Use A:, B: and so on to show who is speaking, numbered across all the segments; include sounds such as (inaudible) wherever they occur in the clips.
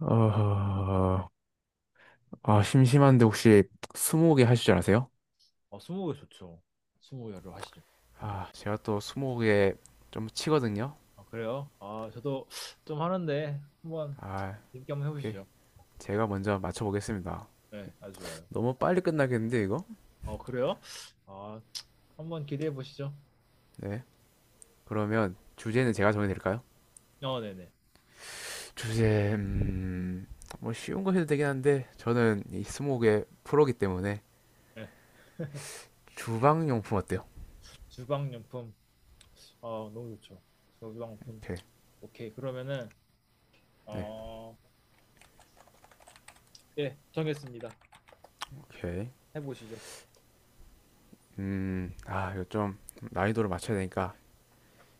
A: 어, 아, 심심한데 혹시 스무고개 하실 줄 아세요?
B: 어, 스무고개 좋죠. 스무고개로 하시죠.
A: 아, 제가 또 스무고개 좀 치거든요.
B: 아, 그래요? 아, 저도 좀 하는데 한번
A: 아,
B: 재밌게 한번
A: 오케이.
B: 해보시죠.
A: 제가 먼저 맞춰보겠습니다.
B: 네, 아주 좋아요.
A: 너무 빨리 끝나겠는데, 이거?
B: 어, 그래요? 아, 한번 기대해 보시죠.
A: 네. 그러면 주제는 제가 정해도 될까요?
B: 어, 네네.
A: 주제, 뭐 쉬운 거 해도 되긴 한데, 저는 이 스무고개 프로기 때문에
B: 네. (laughs)
A: 주방용품 어때요?
B: 주방용품. 아, 너무 좋죠. 주방용품.
A: 오케이.
B: 오케이. 그러면은
A: 네,
B: 어, 네, 정했습니다.
A: 오케이.
B: 해보시죠.
A: 이거 좀 난이도를 맞춰야 되니까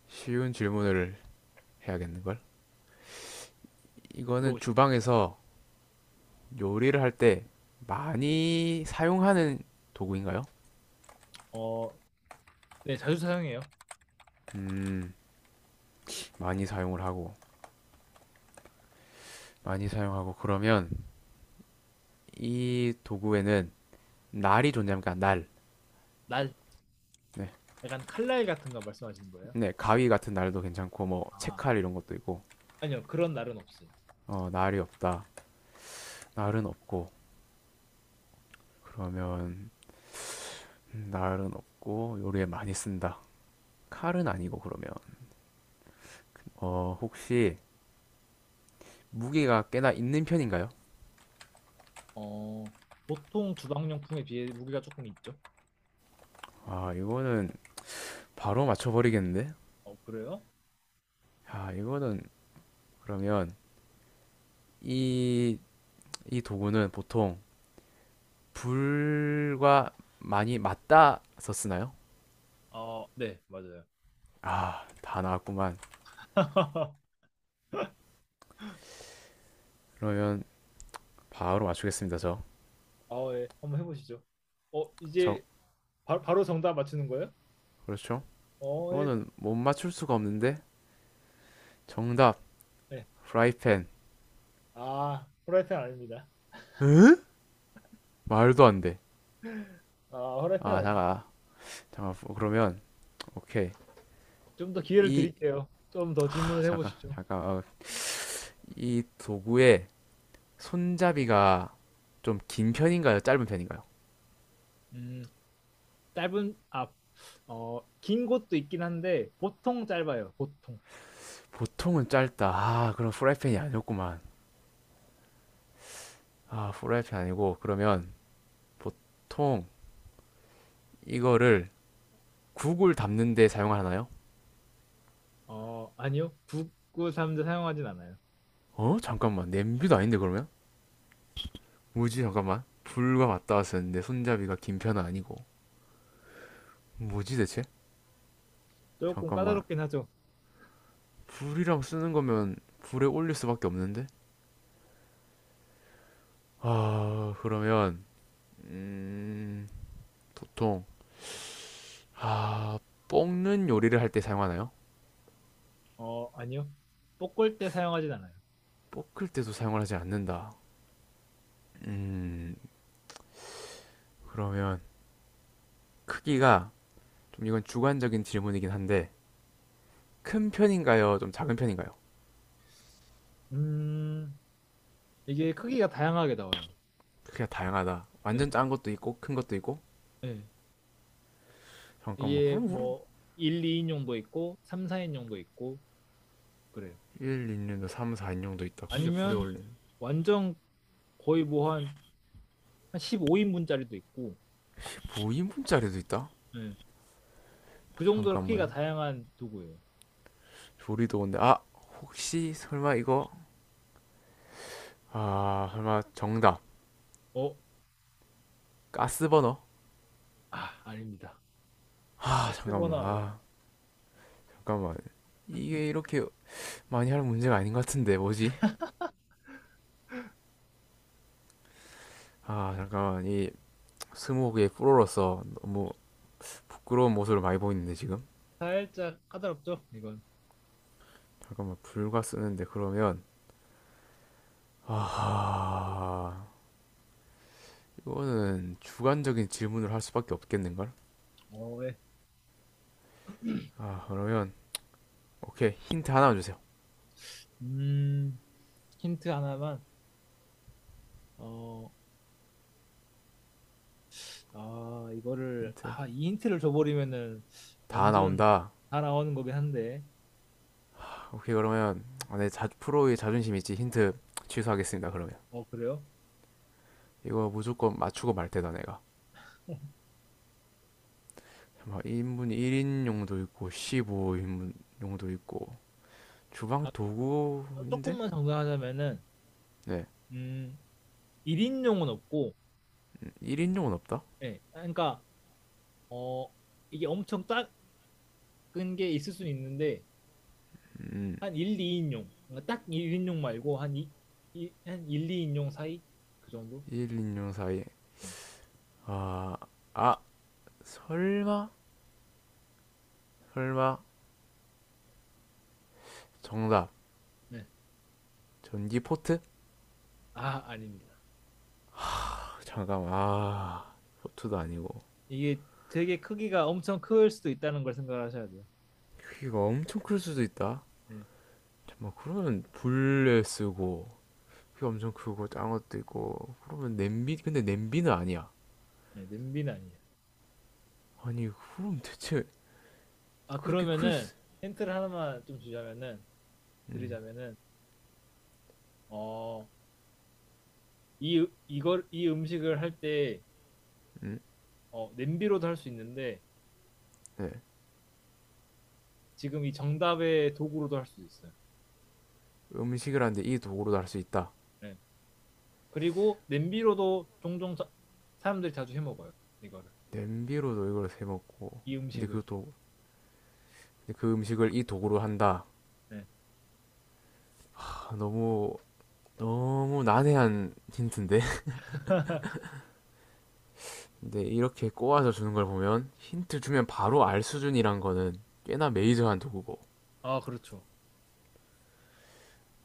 A: 쉬운 질문을 해야겠는걸? 이거는
B: 들어오시죠.
A: 주방에서 요리를 할 때 많이 사용하는 도구인가요?
B: 어, 네, 자주 사용해요.
A: 음, 많이 사용을 하고, 많이 사용하고, 그러면 이 도구에는 날이 존재합니까? 날.
B: 날,
A: 네.
B: 약간 칼날 같은 거 말씀하시는 거예요?
A: 네, 가위 같은 날도 괜찮고, 뭐,
B: 아,
A: 채칼 이런 것도 있고,
B: 아니요. 그런 날은 없어요.
A: 어, 날이 없다. 날은 없고, 그러면, 날은 없고, 요리에 많이 쓴다. 칼은 아니고, 그러면, 어, 혹시 무게가 꽤나 있는 편인가요?
B: 어, 보통 주방용품에 비해 무게가 조금 있죠.
A: 아, 이거는 바로 맞춰버리겠는데?
B: 어, 그래요?
A: 야, 이거는 그러면 이, 이 도구는 보통 불과 많이 맞닿아서 쓰나요?
B: 아, 네, 맞아요.
A: 아, 다 나왔구만.
B: (laughs)
A: 그러면 바로 맞추겠습니다, 저.
B: 아, 예. 한번 해보시죠. 어,
A: 저,
B: 이제 바로 정답 맞추는 거예요?
A: 그렇죠?
B: 어, 예.
A: 이거는 못 맞출 수가 없는데. 정답,
B: 네.
A: 프라이팬.
B: 아, 후라이팬 아닙니다.
A: 응? 말도 안 돼.
B: 아, 후라이팬
A: 아,
B: 아니.
A: 잠깐. 잠깐, 어, 그러면, 오케이.
B: 좀더 기회를
A: 이,
B: 드릴게요. 좀 더
A: 아,
B: 질문을
A: 잠깐,
B: 해보시죠.
A: 잠깐. 어, 이 도구의 손잡이가 좀 긴 편인가요? 짧은 편인가요?
B: 음, 짧은 앞. 어, 긴 곳도 있긴 한데 보통 짧아요. 보통.
A: 보통은 짧다. 아, 그럼 프라이팬이 아니었구만. 아, 프라이팬 아니고 그러면 보통 이거를 국을 담는데 사용하나요?
B: 어, 아니요. 9 9 3자 사용하진 않아요.
A: 어? 잠깐만. 냄비도 아닌데 그러면? 뭐지? 잠깐만. 불과 맞닿아 쓰는데 손잡이가 긴 편은 아니고. 뭐지 대체?
B: 조금
A: 잠깐만.
B: 까다롭긴 하죠.
A: 불이랑 쓰는 거면 불에 올릴 수밖에 없는데? 아, 그러면 보통 아, 볶는 요리를 할 때 사용하나요?
B: 어, 아니요. 볶을 때 사용하진 않아요.
A: 볶을 때도 사용을 하지 않는다. 그러면 크기가 좀 이건 주관적인 질문이긴 한데 큰 편인가요? 좀 작은 편인가요?
B: 음, 이게 크기가 다양하게 나와요.
A: 그게 다양하다.
B: 네.
A: 완전 작은 것도 있고 큰 것도 있고
B: 네.
A: 잠깐만
B: 이게
A: 그럼
B: 뭐 1, 2인용도 있고 3, 4인용도 있고 그래요.
A: 1, 2인용도 3, 4인용도 있다. 근데 불에
B: 아니면
A: 올린는
B: 완전 거의 뭐 한 15인분짜리도 있고
A: 인분짜리도 있다.
B: 네. 그 정도로 크기가
A: 잠깐만
B: 다양한 도구예요.
A: 조리도 온데 아 혹시 설마 이거 아 설마 정답
B: 어,
A: 가스버너?
B: 아, 아닙니다.
A: 아 잠깐만
B: 가스버너 아닙니다.
A: 아 잠깐만 이게 이렇게 많이 할 문제가 아닌 것 같은데 뭐지? 아 잠깐만 이 스무고개 프로로서 너무 부끄러운 모습을 많이 보이는데 지금
B: 살짝 까다롭죠? 이건.
A: 잠깐만 불과 쓰는데 그러면 아 이거는 주관적인 질문을 할 수밖에 없겠는걸?
B: 어, 네.
A: 아 그러면 오케이 힌트 하나만 주세요.
B: 음, 힌트 하나만. 어, 아, 이거를,
A: 힌트
B: 아, 이 힌트를 줘버리면은
A: 다
B: 완전
A: 나온다.
B: 다 나오는 거긴 한데.
A: 아, 오케이 그러면 아, 내 자, 프로의 자존심 있지 힌트 취소하겠습니다. 그러면
B: 어, 그래요?
A: 이거 무조건 맞추고 말 테다 내가.
B: (laughs)
A: 인분 1인용도 있고 15인분용도 있고 주방
B: 아,
A: 도구인데?
B: 조금만 정리하자면은,
A: 네
B: 음, 1인용은 없고,
A: 1인용은 없다.
B: 예. 그러니까, 어, 이게 엄청 작은 게 있을 수는 있는데, 한 1, 2인용. 그러니까 딱 1인용 말고, 한 1, 2인용 사이? 그 정도?
A: 1인용 사이에
B: 네.
A: 아 아 설마 설마 정답.
B: 네.
A: 전기 포트?
B: 아, 아닙니다.
A: 아, 잠깐만 아 포트도 아니고
B: 이게 되게 크기가 엄청 클 수도 있다는 걸 생각하셔야 돼요.
A: 크기가 엄청 클 수도 있다
B: 네.
A: 잠깐만 그러면 불에 쓰고 크기가 엄청 크고 작은 것도 있고 그러면 냄비 근데 냄비는 아니야
B: 네, 냄비는 아니에요.
A: 아니 그럼 대체
B: 아,
A: 그렇게 클
B: 그러면은
A: 수...
B: 힌트를 하나만 좀 주자면은
A: 음,
B: 드리자면은 어, 이걸 이 음식을 할 때
A: 음,
B: 어, 냄비로도 할 수 있는데
A: 네.
B: 지금 이 정답의 도구로도 할 수 있어요.
A: 음식을 하는데 이 도구로도 할 수 있다
B: 네. 그리고 냄비로도 종종 사람들이 자주 해 먹어요. 이거를.
A: 냄비로도 이걸 세먹고
B: 이
A: 근데
B: 음식을.
A: 그 도... 근데 그 음식을 이 도구로 한다
B: 네.
A: 하, 너무 너무 난해한 힌트인데 근데 이렇게 꼬아서 주는 걸 보면 힌트 주면 바로 알 수준이란 거는 꽤나 메이저한 도구고.
B: 아, 그렇죠.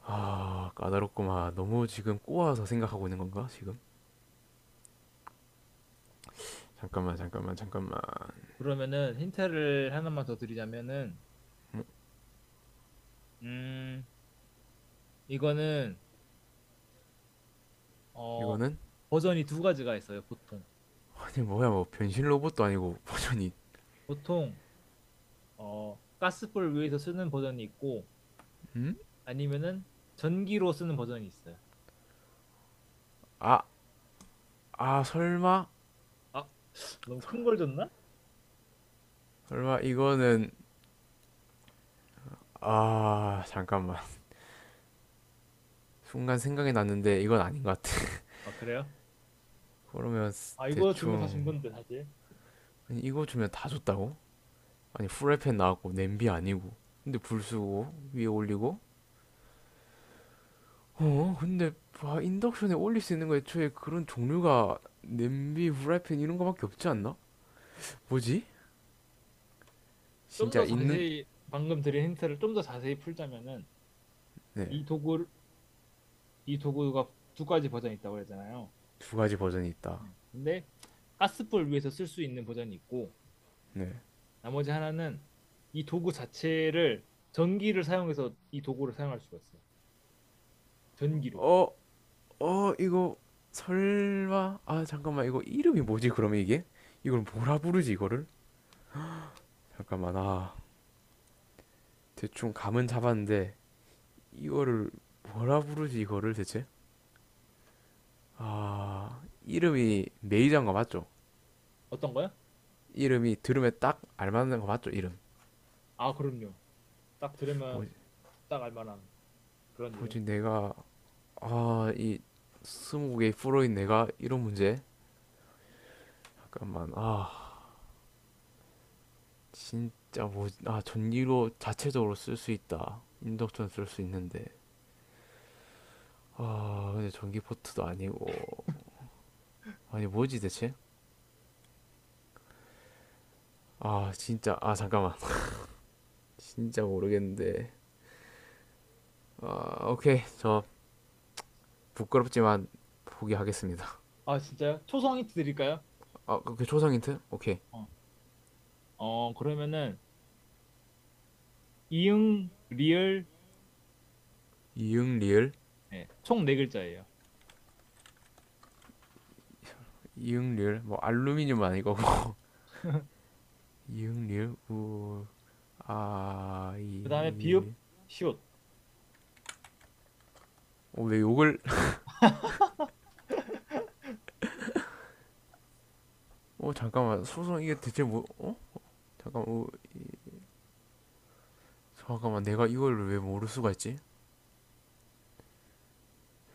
A: 아, 까다롭구만. 너무 지금 꼬아서 생각하고 있는 건가, 지금? 잠깐만, 잠깐만, 잠깐만.
B: 그러면은 힌트를 하나만 더 드리자면은 음, 이거는 어,
A: 이거는?
B: 버전이 두 가지가 있어요, 보통.
A: 아니, 뭐야, 뭐, 변신 로봇도 아니고, 버전이,
B: 보통 어, 가스불 위에서 쓰는 버전이 있고
A: 음?
B: 아니면은 전기로 쓰는 버전이 있어요.
A: 아, 아, 설마?
B: 아, 너무 큰 걸 줬나?
A: 설마, 이거는, 아, 잠깐만. 순간 생각이 났는데, 이건 아닌 것 같아.
B: 아, 그래요?
A: 그러면,
B: 아, 이거 주면 다 준
A: 대충,
B: 건데, 사실.
A: 아니, 이거 주면 다 줬다고? 아니, 후라이팬 나왔고, 냄비 아니고. 근데 불 쓰고, 위에 올리고, 어, 근데 와, 인덕션에 올릴 수 있는 거 애초에 그런 종류가 냄비, 후라이팬 이런 거밖에 없지 않나? 뭐지?
B: 좀
A: 진짜
B: 더
A: 있는
B: 자세히, 방금 드린 힌트를 좀 더 자세히 풀자면은,
A: 네,
B: 이 도구, 이 도구가 두 가지 버전이 있다고 그랬잖아요.
A: 두 가지 버전이 있다.
B: 음. 근데, 가스불 위에서 쓸 수 있는 버전이 있고,
A: 네.
B: 나머지 하나는 이 도구 자체를 전기를 사용해서 이 도구를 사용할 수가 있어요. 전기로.
A: 어, 어, 이거 설마 아, 잠깐만. 이거 이름이 뭐지? 그러면 이게? 이걸 뭐라 부르지 이거를? 잠깐만. 아, 대충 감은 잡았는데 이거를 뭐라 부르지 이거를 대체? 아, 이름이 메이저인 거 맞죠?
B: 어떤 거요?
A: 이름이 들으면 딱 알맞는 거 맞죠? 이름.
B: 아, 그럼요. 딱
A: 뭐,
B: 들으면 딱 알만한 그런 이름.
A: 뭐지 내가 아, 이 스무고개 프로인 내가 이런 문제? 잠깐만. 아, 진짜 뭐, 아, 전기로 자체적으로 쓸 수 있다. 인덕션 쓸 수 있는데. 아, 근데 전기포트도 아니고. 아니, 뭐지 대체? 아, 진짜. 아, 잠깐만. 진짜 모르겠는데. 아, 오케이. 저 부끄럽지만 포기하겠습니다.
B: 아, 진짜요? 초성 힌트 드릴까요?
A: 아, 그 초성 힌트? 오케이.
B: 어, 어, 그러면은 이응, 리을,
A: 이응 리을?
B: 네, 총네 글자예요.
A: 이응 리을? 뭐 알루미늄 아니고. (laughs) 이응 리을? 우 아,
B: 그 다음에
A: 이,
B: 비읍,
A: 일.
B: 시옷.
A: 어, 왜 욕을? 어, 잠깐만. 소송 이게 대체 뭐? 어? 잠깐만. 어, 잠깐만. 내가 이걸 왜 모를 수가 있지?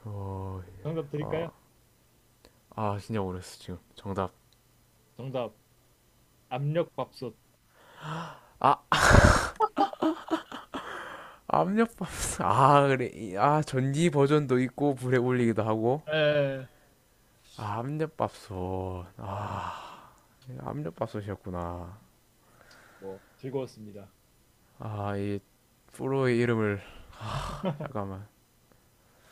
A: 어,
B: 정답
A: 아,
B: 드릴까요?
A: 아 진짜 모르겠어 지금. 정답.
B: 정답 압력밥솥.
A: 아, 압력밥솥. (laughs) 아, 그래. 이- 아, 전기 버전도 있고 불에 올리기도 하고.
B: 에,
A: 아, 압력밥솥.
B: 아, 예.
A: 아, 예, 압력밥솥이었구나.
B: 뭐, 즐거웠습니다.
A: 아, 이 프로의 이름을 잠깐만.